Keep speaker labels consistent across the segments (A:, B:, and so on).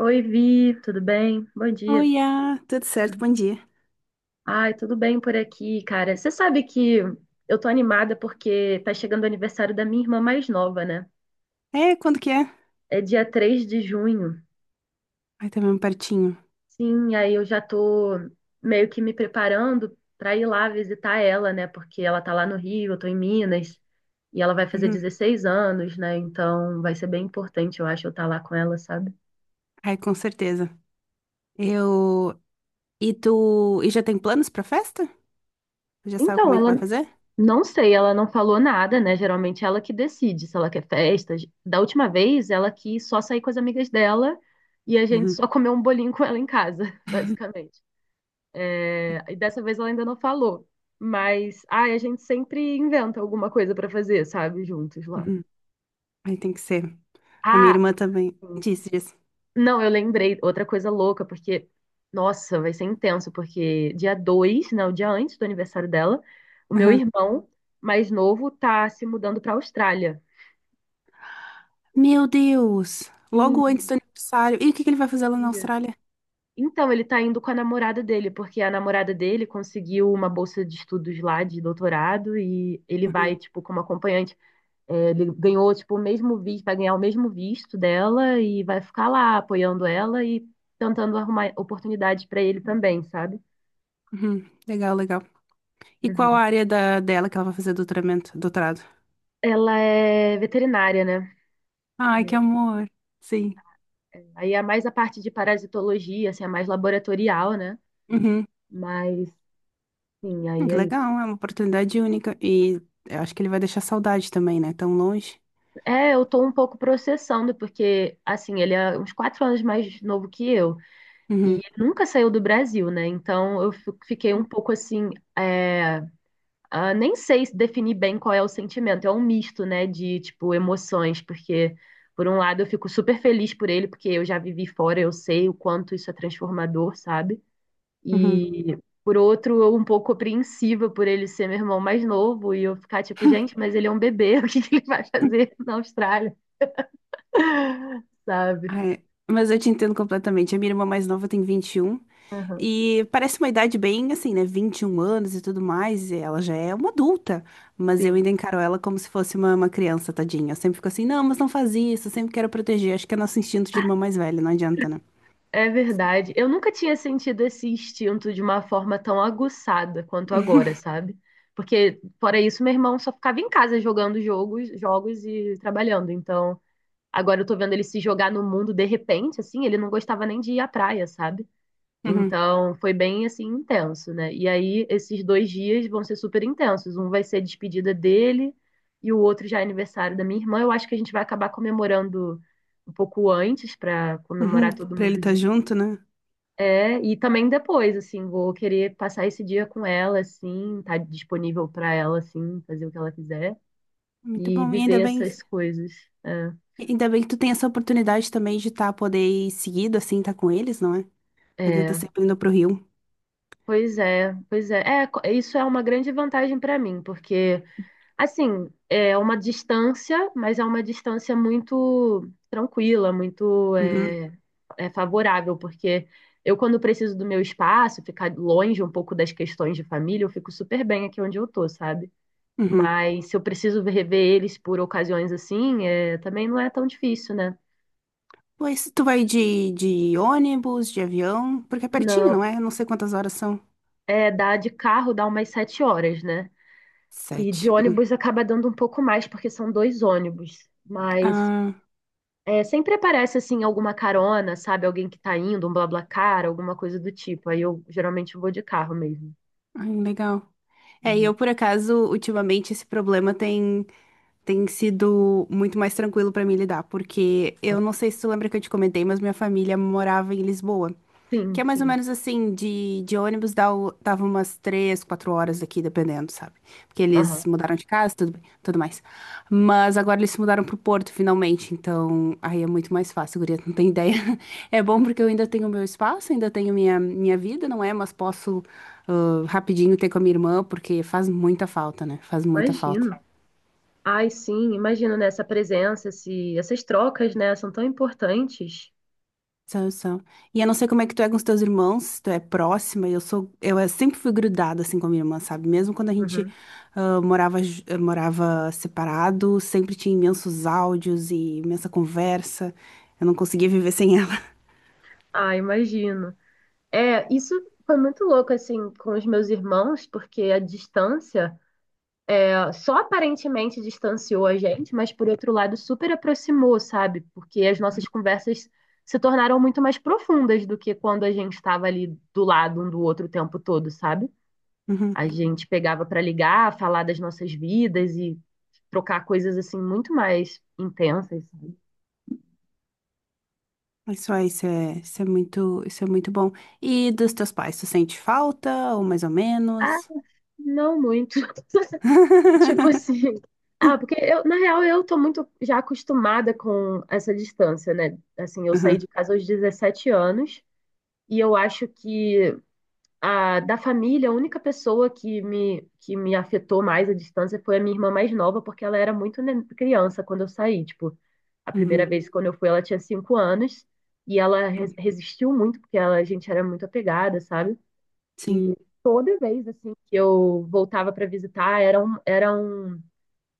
A: Oi, Vi, tudo bem? Bom dia.
B: Oiá, tudo certo? Bom dia.
A: Ai, tudo bem por aqui, cara. Você sabe que eu tô animada porque tá chegando o aniversário da minha irmã mais nova, né?
B: É, quando que é?
A: É dia 3 de junho.
B: Ai, tá mesmo pertinho.
A: Sim, aí eu já tô meio que me preparando pra ir lá visitar ela, né? Porque ela tá lá no Rio, eu tô em Minas, e ela vai fazer
B: Uhum.
A: 16 anos, né? Então vai ser bem importante, eu acho, eu estar lá com ela, sabe?
B: Ai, com certeza. Eu. E tu. E já tem planos pra festa? Tu já sabe como
A: Então,
B: é que
A: ela,
B: vai fazer?
A: Não sei, ela não falou nada, né? Geralmente ela que decide se ela quer festa. Da última vez, ela quis só sair com as amigas dela e a gente
B: Uhum.
A: só comeu um bolinho com ela em casa, basicamente. É, e dessa vez ela ainda não falou. Mas, ai, a gente sempre inventa alguma coisa pra fazer, sabe? Juntos lá.
B: Uhum. Aí tem que ser. A minha
A: Ah,
B: irmã também
A: sim.
B: disse isso.
A: Não, eu lembrei outra coisa louca, porque, nossa, vai ser intenso, porque dia 2, né, o dia antes do aniversário dela, o meu
B: Uhum.
A: irmão mais novo tá se mudando pra Austrália.
B: Meu Deus!
A: Sim,
B: Logo antes do aniversário. E o que que ele vai
A: um
B: fazer lá na
A: dia.
B: Austrália?
A: Então, ele tá indo com a namorada dele, porque a namorada dele conseguiu uma bolsa de estudos lá, de doutorado, e ele
B: Uhum.
A: vai, tipo, como acompanhante. É, ele ganhou, tipo, o mesmo visto, vai ganhar o mesmo visto dela e vai ficar lá apoiando ela e tentando arrumar oportunidades pra ele também, sabe?
B: Uhum. Legal, legal. E qual
A: Uhum.
B: a área dela que ela vai fazer doutorado?
A: Ela é veterinária, né?
B: Ai, que
A: É,
B: amor. Sim.
A: é. Aí é mais a parte de parasitologia, assim, é mais laboratorial, né?
B: Uhum.
A: Mas, sim, aí
B: Que
A: é isso.
B: legal, é uma oportunidade única. E eu acho que ele vai deixar saudade também, né? Tão longe.
A: É, eu tô um pouco processando, porque, assim, ele é uns 4 anos mais novo que eu, e
B: Uhum,
A: ele nunca saiu do Brasil, né? Então eu fiquei um pouco assim, é, nem sei se definir bem qual é o sentimento, é um misto, né, de, tipo, emoções, porque, por um lado, eu fico super feliz por ele, porque eu já vivi fora, eu sei o quanto isso é transformador, sabe?
B: uhum.
A: E, por outro, eu um pouco apreensiva por ele ser meu irmão mais novo, e eu ficar tipo, gente, mas ele é um bebê, o que que ele vai fazer na Austrália? Sabe?
B: Ah, é. Mas eu te entendo completamente. A minha irmã mais nova tem 21
A: Aham,
B: e parece uma idade bem assim, né? 21 anos e tudo mais. E ela já é uma adulta, mas eu
A: sim,
B: ainda encaro ela como se fosse uma criança, tadinha. Eu sempre fico assim, não, mas não faz isso. Eu sempre quero proteger. Acho que é nosso instinto de irmã mais velha, não adianta, né?
A: é verdade. Eu nunca tinha sentido esse instinto de uma forma tão aguçada quanto agora, sabe? Porque, fora isso, meu irmão só ficava em casa jogando jogos, jogos e trabalhando. Então, agora eu tô vendo ele se jogar no mundo de repente, assim, ele não gostava nem de ir à praia, sabe?
B: Uhum,
A: Então, foi bem assim intenso, né? E aí, esses 2 dias vão ser super intensos. Um vai ser a despedida dele e o outro já é aniversário da minha irmã. Eu acho que a gente vai acabar comemorando um pouco antes para
B: uhum.
A: comemorar todo
B: Pra ele
A: mundo
B: estar
A: junto.
B: junto, né?
A: É, e também depois, assim, vou querer passar esse dia com ela, assim, estar disponível para ela, assim, fazer o que ela quiser
B: Muito
A: e
B: bom. E ainda
A: viver
B: bem.
A: essas coisas. É,
B: Ainda bem que tu tem essa oportunidade também de estar poder ir seguido, assim, tá com eles, não é? Poder estar
A: é,
B: sempre indo pro Rio.
A: pois é, pois é. É, isso é uma grande vantagem para mim, porque assim, é uma distância, mas é uma distância muito tranquila, muito
B: Uhum,
A: é, é favorável, porque eu, quando preciso do meu espaço, ficar longe um pouco das questões de família, eu fico super bem aqui onde eu tô, sabe?
B: uhum.
A: Mas se eu preciso rever eles por ocasiões assim, é, também não é tão difícil, né?
B: Pois tu vai de ônibus, de avião, porque é pertinho,
A: Não,
B: não é? Eu não sei quantas horas são.
A: é, dá de carro dá umas 7 horas, né? E
B: Sete.
A: de ônibus acaba dando um pouco mais, porque são 2 ônibus. Mas
B: Ah,
A: é, sempre aparece assim alguma carona, sabe? Alguém que tá indo, um BlaBlaCar, alguma coisa do tipo. Aí eu geralmente vou de carro mesmo.
B: ai, legal. É, e
A: Uhum.
B: eu, por acaso, ultimamente, esse problema tem. Tem sido muito mais tranquilo pra mim lidar, porque eu não sei se tu lembra que eu te comentei, mas minha família morava em Lisboa, que
A: Sim,
B: é mais ou
A: sim.
B: menos assim, de ônibus dava umas 3, 4 horas daqui, dependendo, sabe? Porque
A: Aham.
B: eles mudaram de casa, tudo bem, tudo mais. Mas agora eles se mudaram pro Porto, finalmente, então aí é muito mais fácil, guria, tu não tem ideia. É bom porque eu ainda tenho meu espaço, ainda tenho minha vida, não é? Mas posso, ah, rapidinho ter com a minha irmã, porque faz muita falta, né? Faz muita falta.
A: Imagino. Ai, sim, imagino nessa presença, esse, essas trocas, né, são tão importantes.
B: São, são. E eu não sei como é que tu é com os teus irmãos, se tu é próxima, e eu sempre fui grudada assim com a minha irmã, sabe? Mesmo quando a gente
A: Uhum.
B: ah, morava separado, sempre tinha imensos áudios e imensa conversa. Eu não conseguia viver sem ela.
A: Ah, imagino. É, isso foi muito louco assim com os meus irmãos, porque a distância ah, só aparentemente distanciou a gente, mas por outro lado super aproximou, sabe? Porque as nossas conversas se tornaram muito mais profundas do que quando a gente estava ali do lado um do outro o tempo todo, sabe?
B: Uhum.
A: A gente pegava para ligar, falar das nossas vidas e trocar coisas assim muito mais intensas, sabe?
B: Mas só isso é, isso é muito bom. E dos teus pais, tu sente falta ou mais ou
A: Ah,
B: menos?
A: não muito. Tipo assim, ah, porque eu, na real, eu tô muito já acostumada com essa distância, né? Assim, eu saí
B: Uhum,
A: de casa aos 17 anos. E eu acho que a, da família, a única pessoa que que me afetou mais à distância foi a minha irmã mais nova, porque ela era muito criança quando eu saí. Tipo, a primeira
B: uhum.
A: vez quando eu fui, ela tinha 5 anos e ela resistiu muito, porque ela, a gente era muito apegada, sabe?
B: Sim,
A: E toda vez assim que eu voltava para visitar, era um,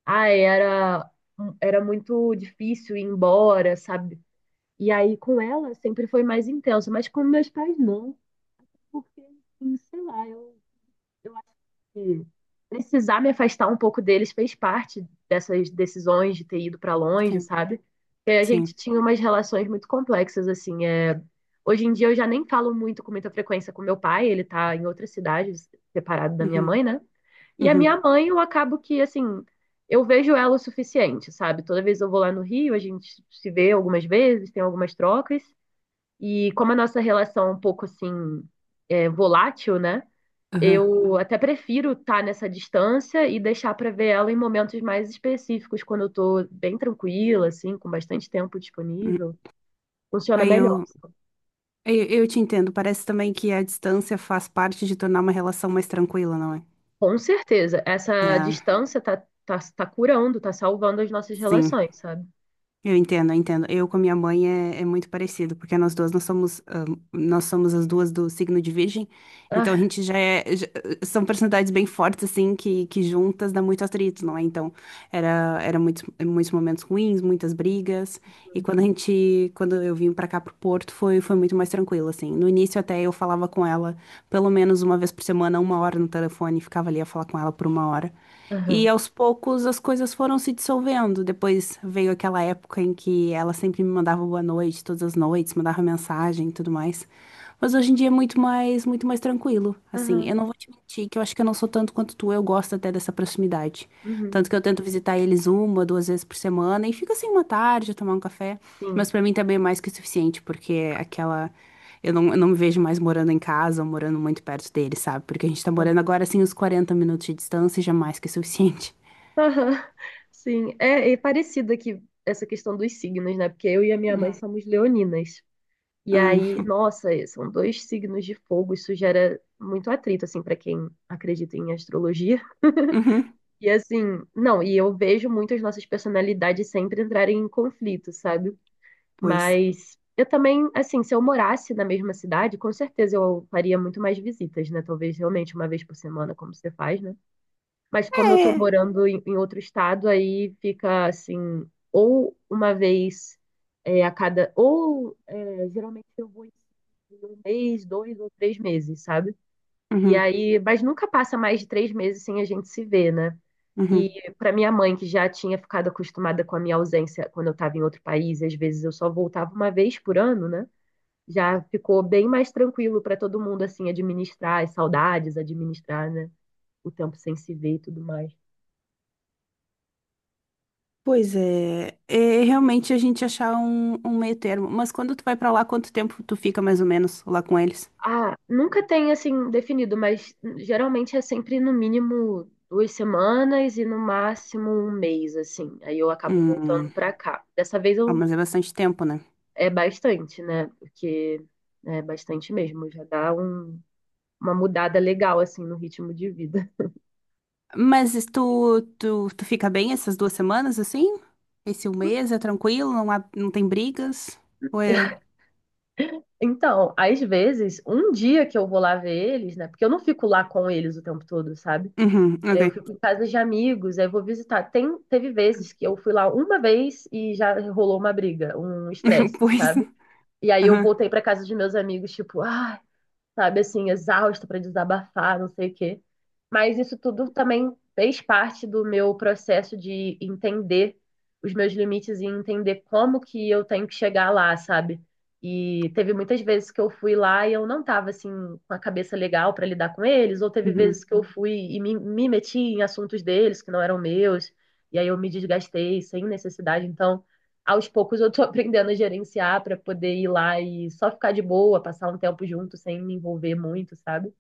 A: ai, era, um- era muito difícil ir embora, sabe? E aí com ela sempre foi mais intenso, mas com meus pais não. Porque, assim, sei lá, eu acho que precisar me afastar um pouco deles fez parte dessas decisões de ter ido para longe,
B: sim,
A: sabe? Porque a gente
B: sim.
A: tinha umas relações muito complexas, assim. É... Hoje em dia eu já nem falo muito com muita frequência com meu pai, ele tá em outra cidade, separado da minha
B: Uhum,
A: mãe, né? E a minha
B: uhum,
A: mãe, eu acabo que, assim, eu vejo ela o suficiente, sabe? Toda vez eu vou lá no Rio, a gente se vê algumas vezes, tem algumas trocas, e como a nossa relação é um pouco assim é, volátil, né?
B: uhum.
A: Eu até prefiro estar nessa distância e deixar para ver ela em momentos mais específicos, quando eu tô bem tranquila, assim, com bastante tempo
B: Uhum.
A: disponível. Funciona
B: Aí eu
A: melhor.
B: eu te entendo. Parece também que a distância faz parte de tornar uma relação mais tranquila, não é?
A: Com certeza, essa
B: É,
A: distância tá curando, tá salvando as nossas
B: sim.
A: relações, sabe?
B: Eu entendo, eu entendo. Eu com a minha mãe é muito parecido, porque nós duas nós somos, ah, nós somos as duas do signo de Virgem, então a
A: Ah,
B: gente são personalidades bem fortes assim que juntas dá muito atrito, não é? Então era muitos, muitos momentos ruins, muitas brigas. E quando eu vim pra cá pro Porto, foi muito mais tranquilo, assim. No início até eu falava com ela pelo menos uma vez por semana, uma hora no telefone, ficava ali a falar com ela por uma hora.
A: aham,
B: E aos poucos as coisas foram se dissolvendo. Depois veio aquela época em que ela sempre me mandava boa noite, todas as noites, mandava mensagem e tudo mais. Mas hoje em dia é muito mais tranquilo. Assim,
A: aham,
B: eu não vou te mentir que eu acho que eu não sou tanto quanto tu, eu gosto até dessa proximidade.
A: uhum,
B: Tanto que eu tento visitar eles uma, duas vezes por semana e fica assim uma tarde, tomar um café.
A: sim.
B: Mas pra mim também é mais que o suficiente, porque é aquela. Eu não me vejo mais morando em casa ou morando muito perto deles, sabe? Porque a gente tá morando agora assim uns 40 minutos de distância e já é mais que o suficiente.
A: Aham, sim, é, é parecido aqui essa questão dos signos, né? Porque eu e a minha mãe somos leoninas. E
B: Hum,
A: aí, nossa, é, são dois signos de fogo, isso gera muito atrito, assim, para quem acredita em astrologia.
B: uhum,
A: E assim, não, e eu vejo muito as nossas personalidades sempre entrarem em conflito, sabe?
B: pois.
A: Mas eu também, assim, se eu morasse na mesma cidade, com certeza eu faria muito mais visitas, né? Talvez realmente uma vez por semana, como você faz, né? Mas como eu tô
B: É.
A: morando em outro estado, aí fica assim, ou uma vez é, a cada, ou é, geralmente eu vou em um mês, dois ou três meses, sabe? E
B: Uhum,
A: aí, mas nunca passa mais de 3 meses sem a gente se ver, né? E
B: uhum.
A: para minha mãe, que já tinha ficado acostumada com a minha ausência quando eu estava em outro país, às vezes eu só voltava uma vez por ano, né? Já ficou bem mais tranquilo para todo mundo, assim, administrar as saudades, administrar, né? O tempo sem se ver e tudo mais.
B: Pois é, é realmente a gente achar um meio termo. Mas quando tu vai pra lá, quanto tempo tu fica mais ou menos lá com eles?
A: Ah, nunca tem assim definido, mas geralmente é sempre no mínimo 2 semanas e no máximo um mês, assim. Aí eu acabo voltando
B: Hum,
A: pra cá. Dessa vez
B: ah,
A: eu
B: mas é bastante tempo, né?
A: é bastante, né? Porque né, é bastante mesmo, já dá um- uma mudada legal assim no ritmo de vida.
B: Mas tu fica bem essas 2 semanas, assim? Esse 1 mês é tranquilo, não há, não tem brigas? Ou é...
A: Então, às vezes, um dia que eu vou lá ver eles, né? Porque eu não fico lá com eles o tempo todo, sabe?
B: Uhum,
A: É, eu
B: ok.
A: fico em casa de amigos, aí eu vou visitar. Tem, teve vezes que eu fui lá uma vez e já rolou uma briga, um estresse,
B: Pois.
A: sabe? E aí eu
B: Aham.
A: voltei para casa de meus amigos, tipo, ah, sabe, assim, exausta para desabafar, não sei o quê. Mas isso tudo também fez parte do meu processo de entender os meus limites e entender como que eu tenho que chegar lá, sabe? E teve muitas vezes que eu fui lá e eu não tava assim com a cabeça legal para lidar com eles, ou teve
B: Uhum.
A: vezes que eu fui e me meti em assuntos deles que não eram meus, e aí eu me desgastei sem necessidade. Então, aos poucos eu tô aprendendo a gerenciar pra poder ir lá e só ficar de boa, passar um tempo junto sem me envolver muito, sabe?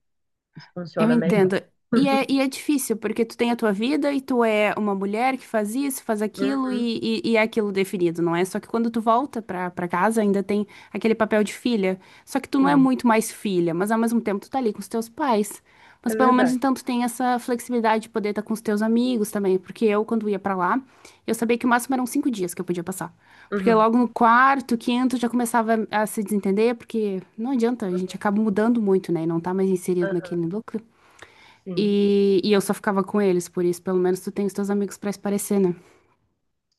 A: Isso
B: Eu
A: funciona melhor.
B: entendo. E é difícil, porque tu tem a tua vida e tu é uma mulher que faz isso, faz aquilo
A: Uhum,
B: e é aquilo definido, não é? Só que quando tu volta pra casa ainda tem aquele papel de filha. Só que tu não é
A: sim,
B: muito mais filha, mas ao mesmo tempo tu tá ali com os teus pais.
A: é
B: Mas pelo menos
A: verdade.
B: então tu tem essa flexibilidade de poder estar com os teus amigos também, porque eu, quando ia pra lá, eu sabia que o máximo eram 5 dias que eu podia passar. Porque
A: Uhum,
B: logo no quarto, quinto, já começava a se desentender, porque não adianta, a gente
A: uhum,
B: acaba mudando muito, né? E não tá mais inserido
A: ah,
B: naquele núcleo.
A: sim.
B: E eu só ficava com eles, por isso pelo menos tu tem os teus amigos pra esparecer, né?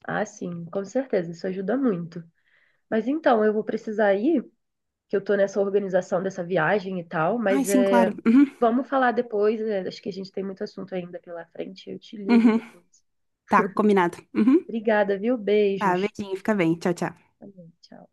A: Ah, sim, com certeza, isso ajuda muito. Mas então, eu vou precisar ir, que eu tô nessa organização dessa viagem e tal,
B: Ai,
A: mas
B: sim,
A: é,
B: claro. Uhum,
A: vamos falar depois, é, acho que a gente tem muito assunto ainda pela frente, eu te ligo
B: uhum.
A: depois.
B: Tá, combinado. Uhum.
A: Obrigada, viu?
B: Tá,
A: Beijos.
B: beijinho, fica bem. Tchau, tchau.
A: Tá bom, tchau.